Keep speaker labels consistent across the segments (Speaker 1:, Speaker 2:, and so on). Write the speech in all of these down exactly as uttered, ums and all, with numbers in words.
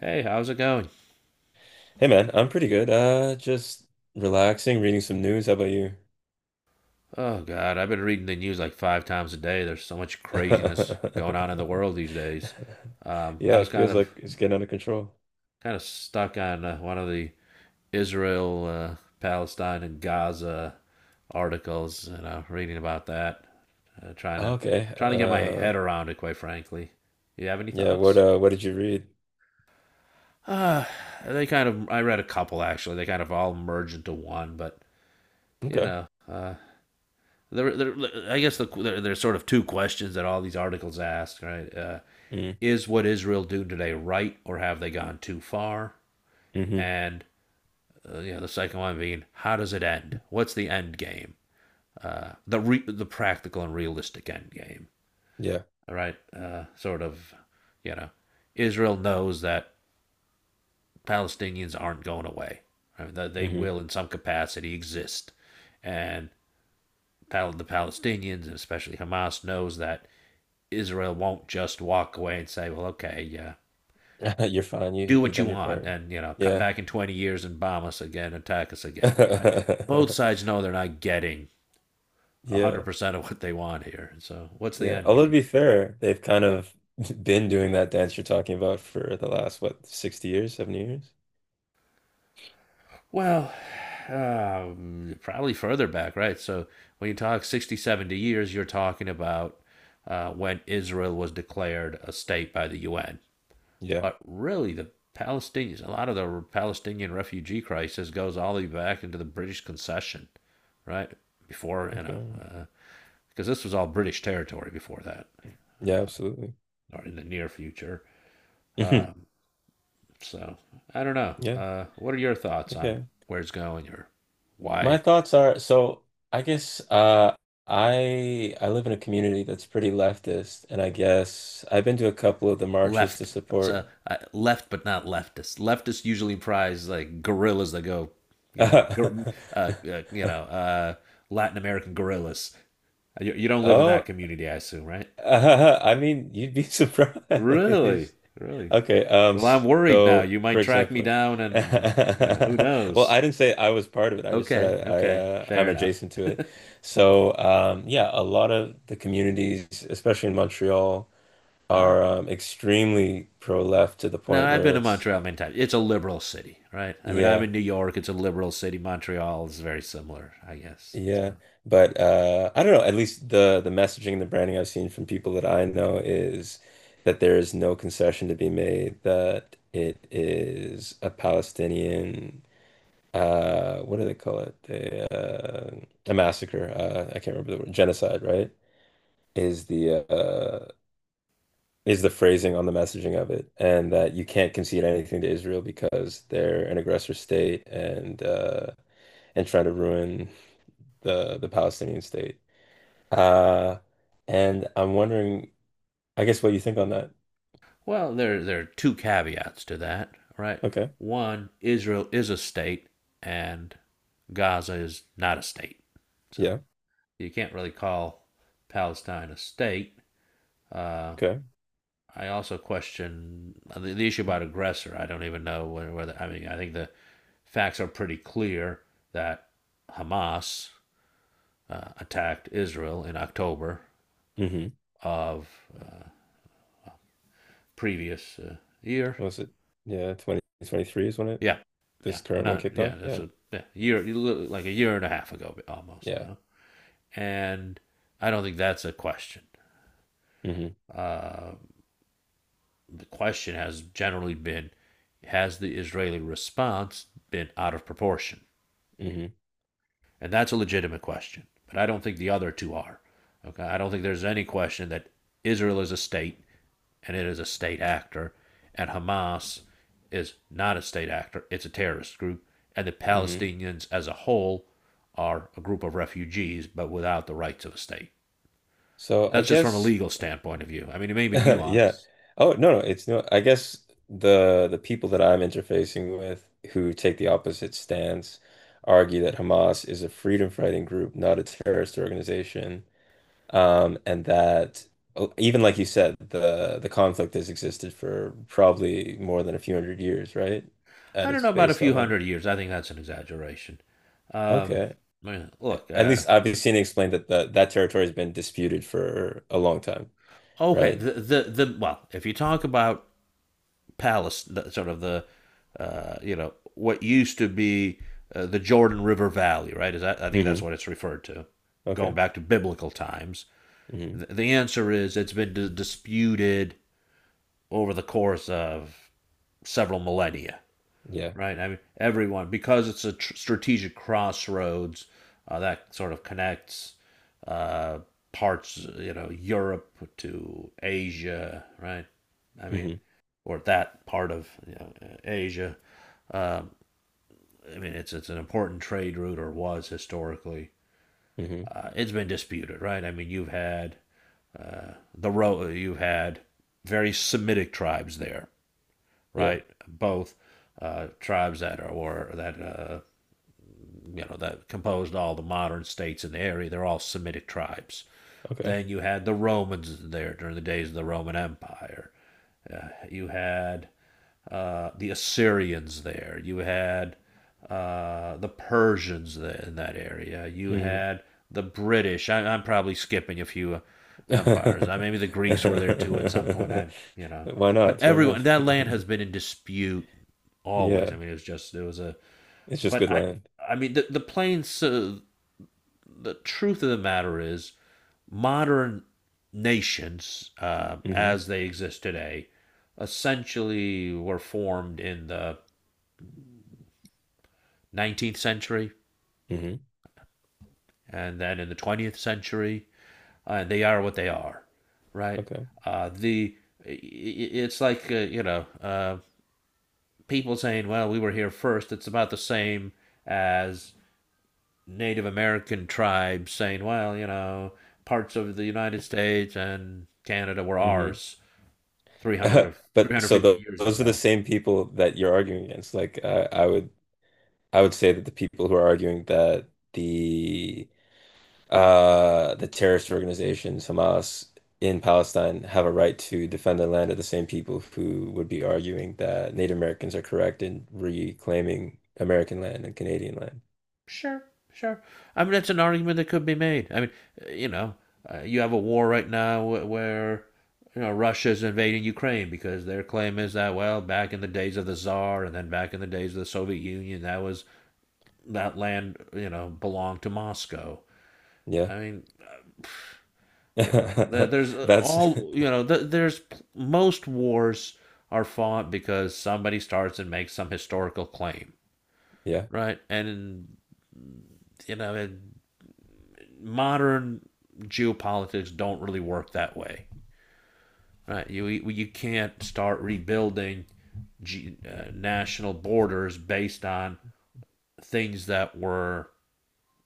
Speaker 1: Hey, how's it going?
Speaker 2: Hey man, I'm pretty good. Uh, just relaxing, reading some news. How about you?
Speaker 1: Oh, God, I've been reading the news like five times a day. There's so much craziness going on in the world these days. Um,
Speaker 2: Yeah,
Speaker 1: I was
Speaker 2: it
Speaker 1: kind
Speaker 2: feels
Speaker 1: of
Speaker 2: like it's getting out of control.
Speaker 1: kind of stuck on uh, one of the Israel, uh, Palestine, and Gaza articles, you know, reading about that, uh, trying to
Speaker 2: Okay.
Speaker 1: trying to get my
Speaker 2: Uh,
Speaker 1: head around it. Quite frankly, you have any
Speaker 2: yeah. What
Speaker 1: thoughts?
Speaker 2: uh, what did you read?
Speaker 1: Uh, they kind of. I read a couple actually. They kind of all merge into one, but you
Speaker 2: Okay.
Speaker 1: know, uh, There, there, I guess the, there, there's sort of two questions that all these articles ask, right? Uh,
Speaker 2: Mm,
Speaker 1: is what Israel doing today right, or have they gone too far?
Speaker 2: hmm.
Speaker 1: And uh, you know, the second one being, how does it end? What's the end game? Uh, the re- the practical and realistic end game.
Speaker 2: Yeah.
Speaker 1: All right, uh, sort of, you know, Israel knows that Palestinians aren't going away. Right? That they
Speaker 2: Hmm.
Speaker 1: will, in some capacity, exist, and the Palestinians, and especially Hamas, knows that Israel won't just walk away and say, well, okay, yeah,
Speaker 2: You're fine. You
Speaker 1: do
Speaker 2: you
Speaker 1: what you
Speaker 2: done your
Speaker 1: want
Speaker 2: part.
Speaker 1: and, you know, come
Speaker 2: Yeah.
Speaker 1: back in twenty years and bomb us again, attack us again, right? Both sides know they're not getting
Speaker 2: Yeah.
Speaker 1: one hundred percent of what they want here. So what's the
Speaker 2: Yeah.
Speaker 1: end
Speaker 2: Although to
Speaker 1: game?
Speaker 2: be fair, they've kind of been doing that dance you're talking about for the last what, sixty years, seventy years?
Speaker 1: Well, um, probably further back, right? So when you talk sixty, seventy years, you're talking about uh, when Israel was declared a state by the U N.
Speaker 2: Yeah.
Speaker 1: But really, the Palestinians, a lot of the Palestinian refugee crisis goes all the way back into the British concession, right? Before, you know,
Speaker 2: Okay.
Speaker 1: uh, because this was all British territory before that,
Speaker 2: Yeah, absolutely.
Speaker 1: or in the near future. Um, so I don't know.
Speaker 2: Yeah.
Speaker 1: Uh, what are your thoughts on
Speaker 2: Okay.
Speaker 1: where it's going or
Speaker 2: My
Speaker 1: why
Speaker 2: thoughts are, so I guess uh I I live in a community that's pretty leftist, and I guess I've been to a couple of the marches to
Speaker 1: left? So
Speaker 2: support.
Speaker 1: uh, left, but not leftist. Leftists usually prize like guerrillas that go, you know, uh, uh, you know, uh, Latin American guerrillas. You, you don't live in that
Speaker 2: Oh.
Speaker 1: community, I assume, right?
Speaker 2: I mean, you'd be surprised.
Speaker 1: Really? Really?
Speaker 2: Okay, um
Speaker 1: Well, I'm
Speaker 2: s-
Speaker 1: worried now.
Speaker 2: so
Speaker 1: You
Speaker 2: for
Speaker 1: might track me
Speaker 2: example,
Speaker 1: down and, you know, who
Speaker 2: well,
Speaker 1: knows?
Speaker 2: I didn't say I was part of it. I just said
Speaker 1: Okay,
Speaker 2: I, I
Speaker 1: okay.
Speaker 2: uh,
Speaker 1: Fair
Speaker 2: I'm
Speaker 1: enough.
Speaker 2: adjacent to it. So, um yeah, a lot of the communities, especially in Montreal,
Speaker 1: Ah.
Speaker 2: are um, extremely pro-left to the
Speaker 1: No,
Speaker 2: point
Speaker 1: I've
Speaker 2: where
Speaker 1: been to
Speaker 2: it's.
Speaker 1: Montreal many times. It's a liberal city, right? I mean, I'm
Speaker 2: Yeah,
Speaker 1: in New York. It's a liberal city. Montreal is very similar, I guess.
Speaker 2: yeah.
Speaker 1: So,
Speaker 2: But uh, I don't know. At least the the messaging and the branding I've seen from people that I know is that there is no concession to be made. That it is a Palestinian. Uh, what do they call it? They, uh, a massacre. Uh, I can't remember the word. Genocide, right? Is the uh, is the phrasing on the messaging of it, and that you can't concede anything to Israel because they're an aggressor state, and uh, and trying to ruin the the Palestinian state. Uh, and I'm wondering, I guess, what you think on that.
Speaker 1: well, there there are two caveats to that, right?
Speaker 2: Okay,
Speaker 1: One, Israel is a state, and Gaza is not a state. So
Speaker 2: yeah,
Speaker 1: you can't really call Palestine a state. Uh,
Speaker 2: okay.
Speaker 1: I also question the, the issue about aggressor. I don't even know whether, I mean I think the facts are pretty clear that Hamas uh, attacked Israel in October
Speaker 2: Mm-hmm.
Speaker 1: of uh, previous uh, year.
Speaker 2: Was it? Yeah, twenty twenty-three is when it
Speaker 1: Yeah, yeah,
Speaker 2: this current one
Speaker 1: not
Speaker 2: kicked
Speaker 1: yeah.
Speaker 2: off.
Speaker 1: That's
Speaker 2: Yeah,
Speaker 1: a yeah, year like a year and a half ago almost
Speaker 2: yeah.
Speaker 1: now, and I don't think that's a question.
Speaker 2: Mm-hmm.
Speaker 1: Uh, the question has generally been, has the Israeli response been out of proportion?
Speaker 2: Mm-hmm.
Speaker 1: And that's a legitimate question. But I don't think the other two are. Okay. I don't think there's any question that Israel is a state and it is a state actor, and Hamas is not a state actor, it's a terrorist group, and the
Speaker 2: Mm-hmm.
Speaker 1: Palestinians as a whole are a group of refugees but without the rights of a state.
Speaker 2: So I
Speaker 1: That's just from a
Speaker 2: guess.
Speaker 1: legal standpoint of view. I mean, it may be
Speaker 2: Yeah.
Speaker 1: nuanced.
Speaker 2: Oh, no, no, it's no. I guess the the people that I'm interfacing with, who take the opposite stance, argue that Hamas is a freedom fighting group, not a terrorist organization. Um, and that, oh, even like you said, the the conflict has existed for probably more than a few hundred years, right?
Speaker 1: I
Speaker 2: At
Speaker 1: don't know
Speaker 2: its
Speaker 1: about a
Speaker 2: base
Speaker 1: few
Speaker 2: level.
Speaker 1: hundred years. I think that's an exaggeration. Um,
Speaker 2: Okay. A-
Speaker 1: look,
Speaker 2: At
Speaker 1: uh,
Speaker 2: least I've seen it explained that the, that territory has been disputed for a long time,
Speaker 1: okay,
Speaker 2: right?
Speaker 1: the, the the well, if you talk about Palace, sort of the uh, you know what used to be uh, the Jordan River Valley, right? Is that I think
Speaker 2: Hmm.
Speaker 1: that's what it's referred to,
Speaker 2: Okay.
Speaker 1: going back to biblical times.
Speaker 2: Hmm.
Speaker 1: The answer is it's been dis- disputed over the course of several millennia,
Speaker 2: Yeah.
Speaker 1: right? I mean, everyone because it's a tr- strategic crossroads uh, that sort of connects uh, parts, you know, Europe to Asia, right? I mean,
Speaker 2: Mm-hmm.
Speaker 1: or that part of you know, Asia um, I mean, it's it's an important trade route, or was historically. Uh, it's been disputed, right? I mean, you've had the Ro- you've had very Semitic tribes there,
Speaker 2: Yeah.
Speaker 1: right? Both uh, tribes that are or that uh, you know that composed all the modern states in the area. They're all Semitic tribes.
Speaker 2: Okay.
Speaker 1: Then you had the Romans there during the days of the Roman Empire. You had uh, the Assyrians there. You had uh, the Persians there in that area. You
Speaker 2: Mhm.
Speaker 1: had the British. I, I'm probably skipping a few uh,
Speaker 2: Why
Speaker 1: empires. I, maybe the Greeks were there too at some point. I, you know, but
Speaker 2: not? Throw 'em
Speaker 1: everyone that land has
Speaker 2: in.
Speaker 1: been in dispute always. I
Speaker 2: Yeah.
Speaker 1: mean, it was just it was a.
Speaker 2: It's just
Speaker 1: But
Speaker 2: good
Speaker 1: I,
Speaker 2: land.
Speaker 1: I mean, the the plains uh, the truth of the matter is, modern nations, uh,
Speaker 2: Hmm.
Speaker 1: as they exist today, essentially were formed in the nineteenth century
Speaker 2: Hmm.
Speaker 1: and then in the twentieth century, and they are what they are, right?
Speaker 2: Okay.
Speaker 1: Uh, the it's like uh, you know uh, people saying, "Well, we were here first." It's about the same as Native American tribes saying, "Well, you know, parts of the United States and Canada were
Speaker 2: Hmm.
Speaker 1: ours." three hundred of
Speaker 2: But so
Speaker 1: three hundred fifty
Speaker 2: tho-
Speaker 1: years
Speaker 2: those are the
Speaker 1: ago.
Speaker 2: same people that you're arguing against. Like I, I would I would say that the people who are arguing that the uh, the terrorist organizations, Hamas, in Palestine have a right to defend the land of the same people who would be arguing that Native Americans are correct in reclaiming American land and Canadian land.
Speaker 1: Sure, sure. I mean, that's an argument that could be made. I mean, uh, you know, uh, you have a war right now wh- where you know Russia's invading Ukraine because their claim is that well, back in the days of the Tsar and then back in the days of the Soviet Union, that was that land you know belonged to Moscow.
Speaker 2: Yeah.
Speaker 1: I mean, you know, there, there's uh,
Speaker 2: That's.
Speaker 1: all you know, th there's p- most wars are fought because somebody starts and makes some historical claim
Speaker 2: Yeah,
Speaker 1: right? And you know, it, modern geopolitics don't really work that way, right? You you can't start rebuilding G, uh, national borders based on things that were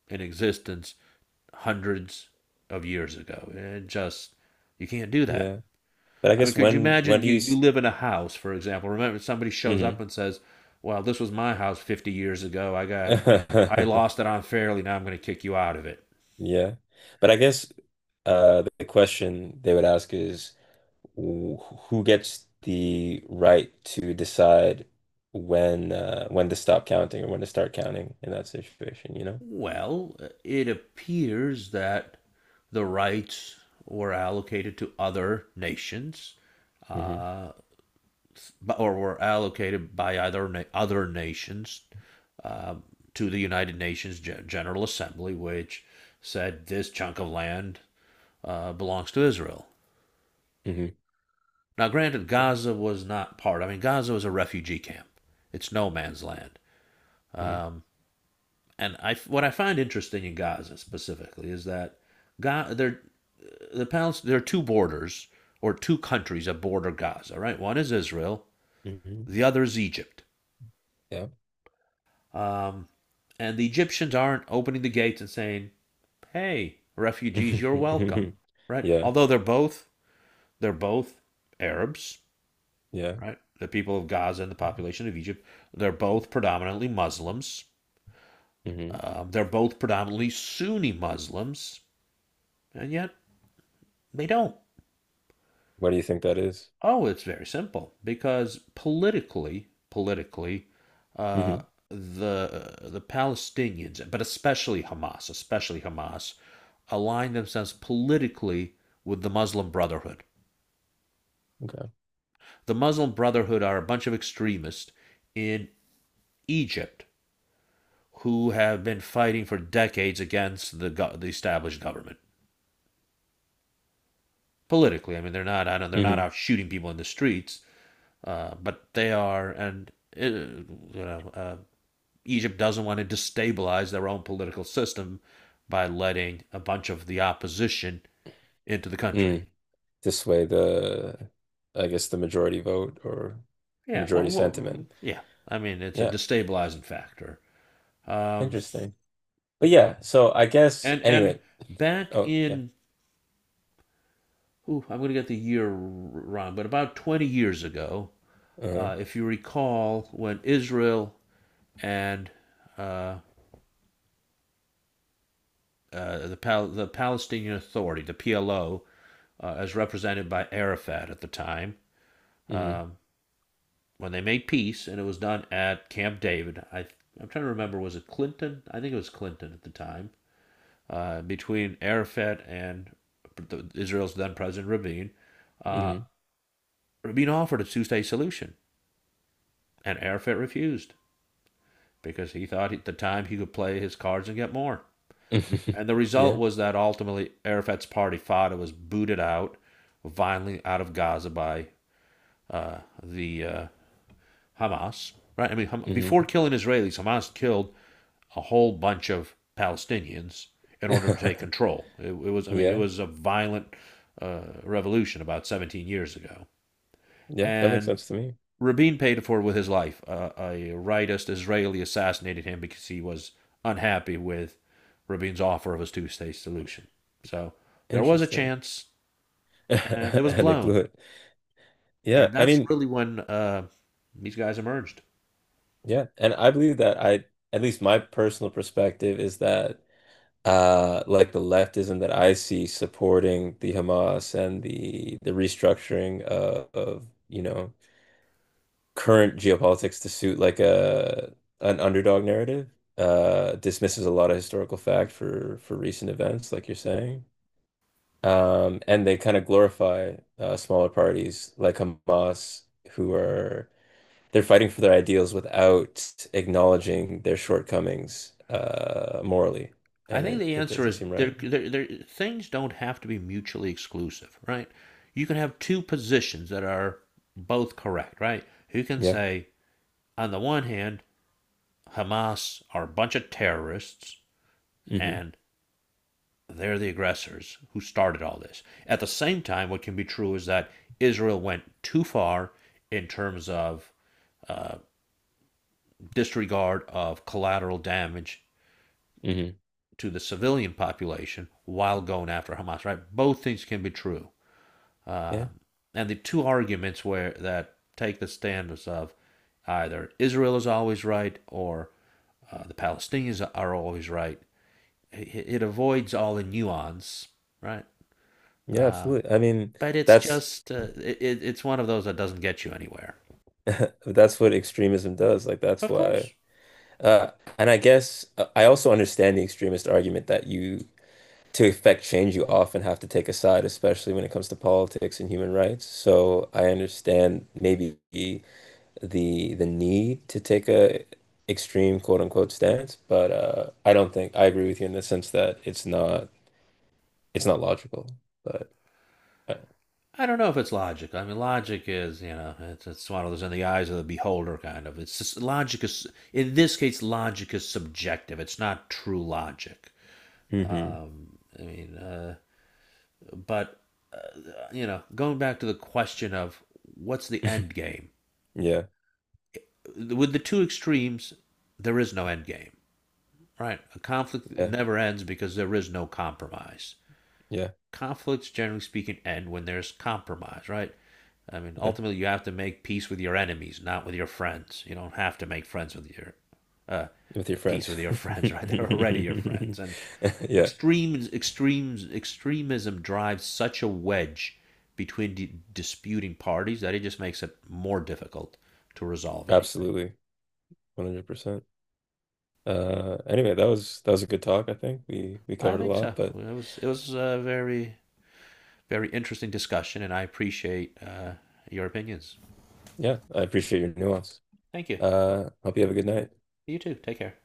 Speaker 1: in existence hundreds of years ago. It just you can't do that.
Speaker 2: yeah. But I
Speaker 1: I mean,
Speaker 2: guess
Speaker 1: could you
Speaker 2: when when
Speaker 1: imagine
Speaker 2: do
Speaker 1: you
Speaker 2: you?
Speaker 1: you
Speaker 2: s-
Speaker 1: live in a house, for example? Remember, somebody shows up
Speaker 2: Mhm.
Speaker 1: and says, "Well, this was my house fifty years ago. I got I lost it unfairly. Now I'm going to kick you out of it."
Speaker 2: Yeah. But I guess uh, the question they would ask is, wh- who gets the right to decide when uh, when to stop counting or when to start counting in that situation, you know?
Speaker 1: Well, it appears that the rights were allocated to other nations,
Speaker 2: Hmm.
Speaker 1: uh, or were allocated by either other nations uh, to the United Nations Gen- General Assembly, which said this chunk of land uh, belongs to Israel.
Speaker 2: Hmm.
Speaker 1: Now, granted, Gaza was not part. I mean, Gaza was a refugee camp. It's no man's land.
Speaker 2: Hmm.
Speaker 1: Um, and I what I find interesting in Gaza specifically is that Ga there the Palest there are two borders or two countries that border Gaza, right? One is Israel, the other is Egypt.
Speaker 2: Yeah.
Speaker 1: Um, and the Egyptians aren't opening the gates and saying, "Hey, refugees, you're welcome," right?
Speaker 2: Yeah.
Speaker 1: Although they're both they're both Arabs,
Speaker 2: Yeah.
Speaker 1: right? The people of Gaza and the population of Egypt, they're both predominantly Muslims.
Speaker 2: Hmm.
Speaker 1: Um, they're both predominantly Sunni Muslims, and yet they don't.
Speaker 2: What do you think that is?
Speaker 1: Oh, it's very simple because politically, politically, uh,
Speaker 2: Mhm.
Speaker 1: the uh, the Palestinians, but especially Hamas, especially Hamas, align themselves politically with the Muslim Brotherhood.
Speaker 2: Okay.
Speaker 1: The Muslim Brotherhood are a bunch of extremists in Egypt who have been fighting for decades against the go- the established government politically. I mean, they're not out they're not
Speaker 2: Hmm.
Speaker 1: out shooting people in the streets, uh, but they are and uh, you know Uh, Egypt doesn't want to destabilize their own political system by letting a bunch of the opposition into the country.
Speaker 2: Mm. To sway the, I guess, the majority vote or the
Speaker 1: Yeah, well,
Speaker 2: majority
Speaker 1: well
Speaker 2: sentiment.
Speaker 1: yeah. I mean, it's a
Speaker 2: Yeah.
Speaker 1: destabilizing factor. Um,
Speaker 2: Interesting. But yeah, so I guess
Speaker 1: and and
Speaker 2: anyway.
Speaker 1: back
Speaker 2: Oh yeah.
Speaker 1: in, ooh, I'm going to get the year wrong, but about twenty years ago,
Speaker 2: Uh-huh.
Speaker 1: uh, if you recall, when Israel and uh, uh, the Pal- the Palestinian Authority, the P L O, uh, as represented by Arafat at the time,
Speaker 2: Mm-hmm.
Speaker 1: um, when they made peace, and it was done at Camp David. I I'm trying to remember was it Clinton? I think it was Clinton at the time. Uh, between Arafat and Israel's then President Rabin, uh, Rabin offered a two-state solution, and Arafat refused because he thought at the time he could play his cards and get more.
Speaker 2: Mm-hmm.
Speaker 1: And the result
Speaker 2: Yeah.
Speaker 1: was that ultimately Arafat's party fought and was booted out violently out of Gaza by uh, the uh, Hamas. Right? I mean, Ham- before
Speaker 2: Mm-hmm.
Speaker 1: killing Israelis, Hamas killed a whole bunch of Palestinians in order to take control. It, it was, I mean, it
Speaker 2: Yeah.
Speaker 1: was a violent uh, revolution about seventeen years ago.
Speaker 2: Yeah. That makes
Speaker 1: And
Speaker 2: sense to me.
Speaker 1: Rabin paid for it with his life. Uh, a rightist Israeli assassinated him because he was unhappy with Rabin's offer of his two state solution. So there was a
Speaker 2: Interesting.
Speaker 1: chance, and it was
Speaker 2: And they
Speaker 1: blown.
Speaker 2: blew it. Yeah.
Speaker 1: And
Speaker 2: I
Speaker 1: that's
Speaker 2: mean,
Speaker 1: really when uh, these guys emerged.
Speaker 2: yeah. And I believe that I, at least my personal perspective is that uh like the leftism that I see supporting the Hamas and the the restructuring of, of you know current geopolitics, to suit like a an underdog narrative. Uh, dismisses a lot of historical fact for for recent events, like you're saying. Um, and they kind of glorify uh, smaller parties like Hamas, who are they're fighting for their ideals without acknowledging their shortcomings, uh, morally,
Speaker 1: I
Speaker 2: and
Speaker 1: think
Speaker 2: it,
Speaker 1: the
Speaker 2: it
Speaker 1: answer
Speaker 2: doesn't
Speaker 1: is
Speaker 2: seem
Speaker 1: there,
Speaker 2: right.
Speaker 1: there, there, things don't have to be mutually exclusive, right? You can have two positions that are both correct, right? You can
Speaker 2: Yeah.
Speaker 1: say, on the one hand, Hamas are a bunch of terrorists
Speaker 2: Hmm.
Speaker 1: and they're the aggressors who started all this. At the same time, what can be true is that Israel went too far in terms of uh, disregard of collateral damage
Speaker 2: Hmm.
Speaker 1: to the civilian population while going after Hamas, right? Both things can be true. Uh,
Speaker 2: Yeah.
Speaker 1: and the two arguments where that take the stance of either Israel is always right or uh, the Palestinians are always right. It, it avoids all the nuance, right?
Speaker 2: Yeah.
Speaker 1: Uh,
Speaker 2: Absolutely. I mean,
Speaker 1: but it's
Speaker 2: that's,
Speaker 1: just uh, it, it's one of those that doesn't get you anywhere.
Speaker 2: that's what extremism does. Like that's
Speaker 1: Of
Speaker 2: why.
Speaker 1: course,
Speaker 2: Uh, and I guess uh, I also understand the extremist argument that, you, to effect change, you often have to take a side, especially when it comes to politics and human rights. So I understand maybe the the need to take a extreme quote unquote stance, but uh, I don't think I agree with you in the sense that it's not it's not logical. But uh,
Speaker 1: I don't know if it's logic. I mean, logic is you know it's, it's one of those in the eyes of the beholder kind of. It's just, logic is in this case logic is subjective. It's not true logic.
Speaker 2: hmm.
Speaker 1: Um, I mean, uh, But uh, you know, going back to the question of what's the end game?
Speaker 2: Yeah,
Speaker 1: With the two extremes, there is no end game, right? A conflict
Speaker 2: yeah,
Speaker 1: never ends because there is no compromise.
Speaker 2: yeah,
Speaker 1: Conflicts, generally speaking, end when there's compromise, right? I mean,
Speaker 2: yeah.
Speaker 1: ultimately, you have to make peace with your enemies, not with your friends. You don't have to make friends with your uh,
Speaker 2: With your
Speaker 1: peace
Speaker 2: friends.
Speaker 1: with your friends, right? They're already your friends, and
Speaker 2: Yeah,
Speaker 1: Extremes, extremes, extremism drives such a wedge between d- disputing parties that it just makes it more difficult to resolve anything.
Speaker 2: absolutely. one hundred percent. Uh, anyway, that was that was a good talk, I think. We we
Speaker 1: I
Speaker 2: covered a
Speaker 1: think so.
Speaker 2: lot, but
Speaker 1: It was it was a very very interesting discussion, and I appreciate uh, your opinions.
Speaker 2: yeah, I appreciate your nuance.
Speaker 1: Thank you.
Speaker 2: Uh, hope you have a good night.
Speaker 1: You too. Take care.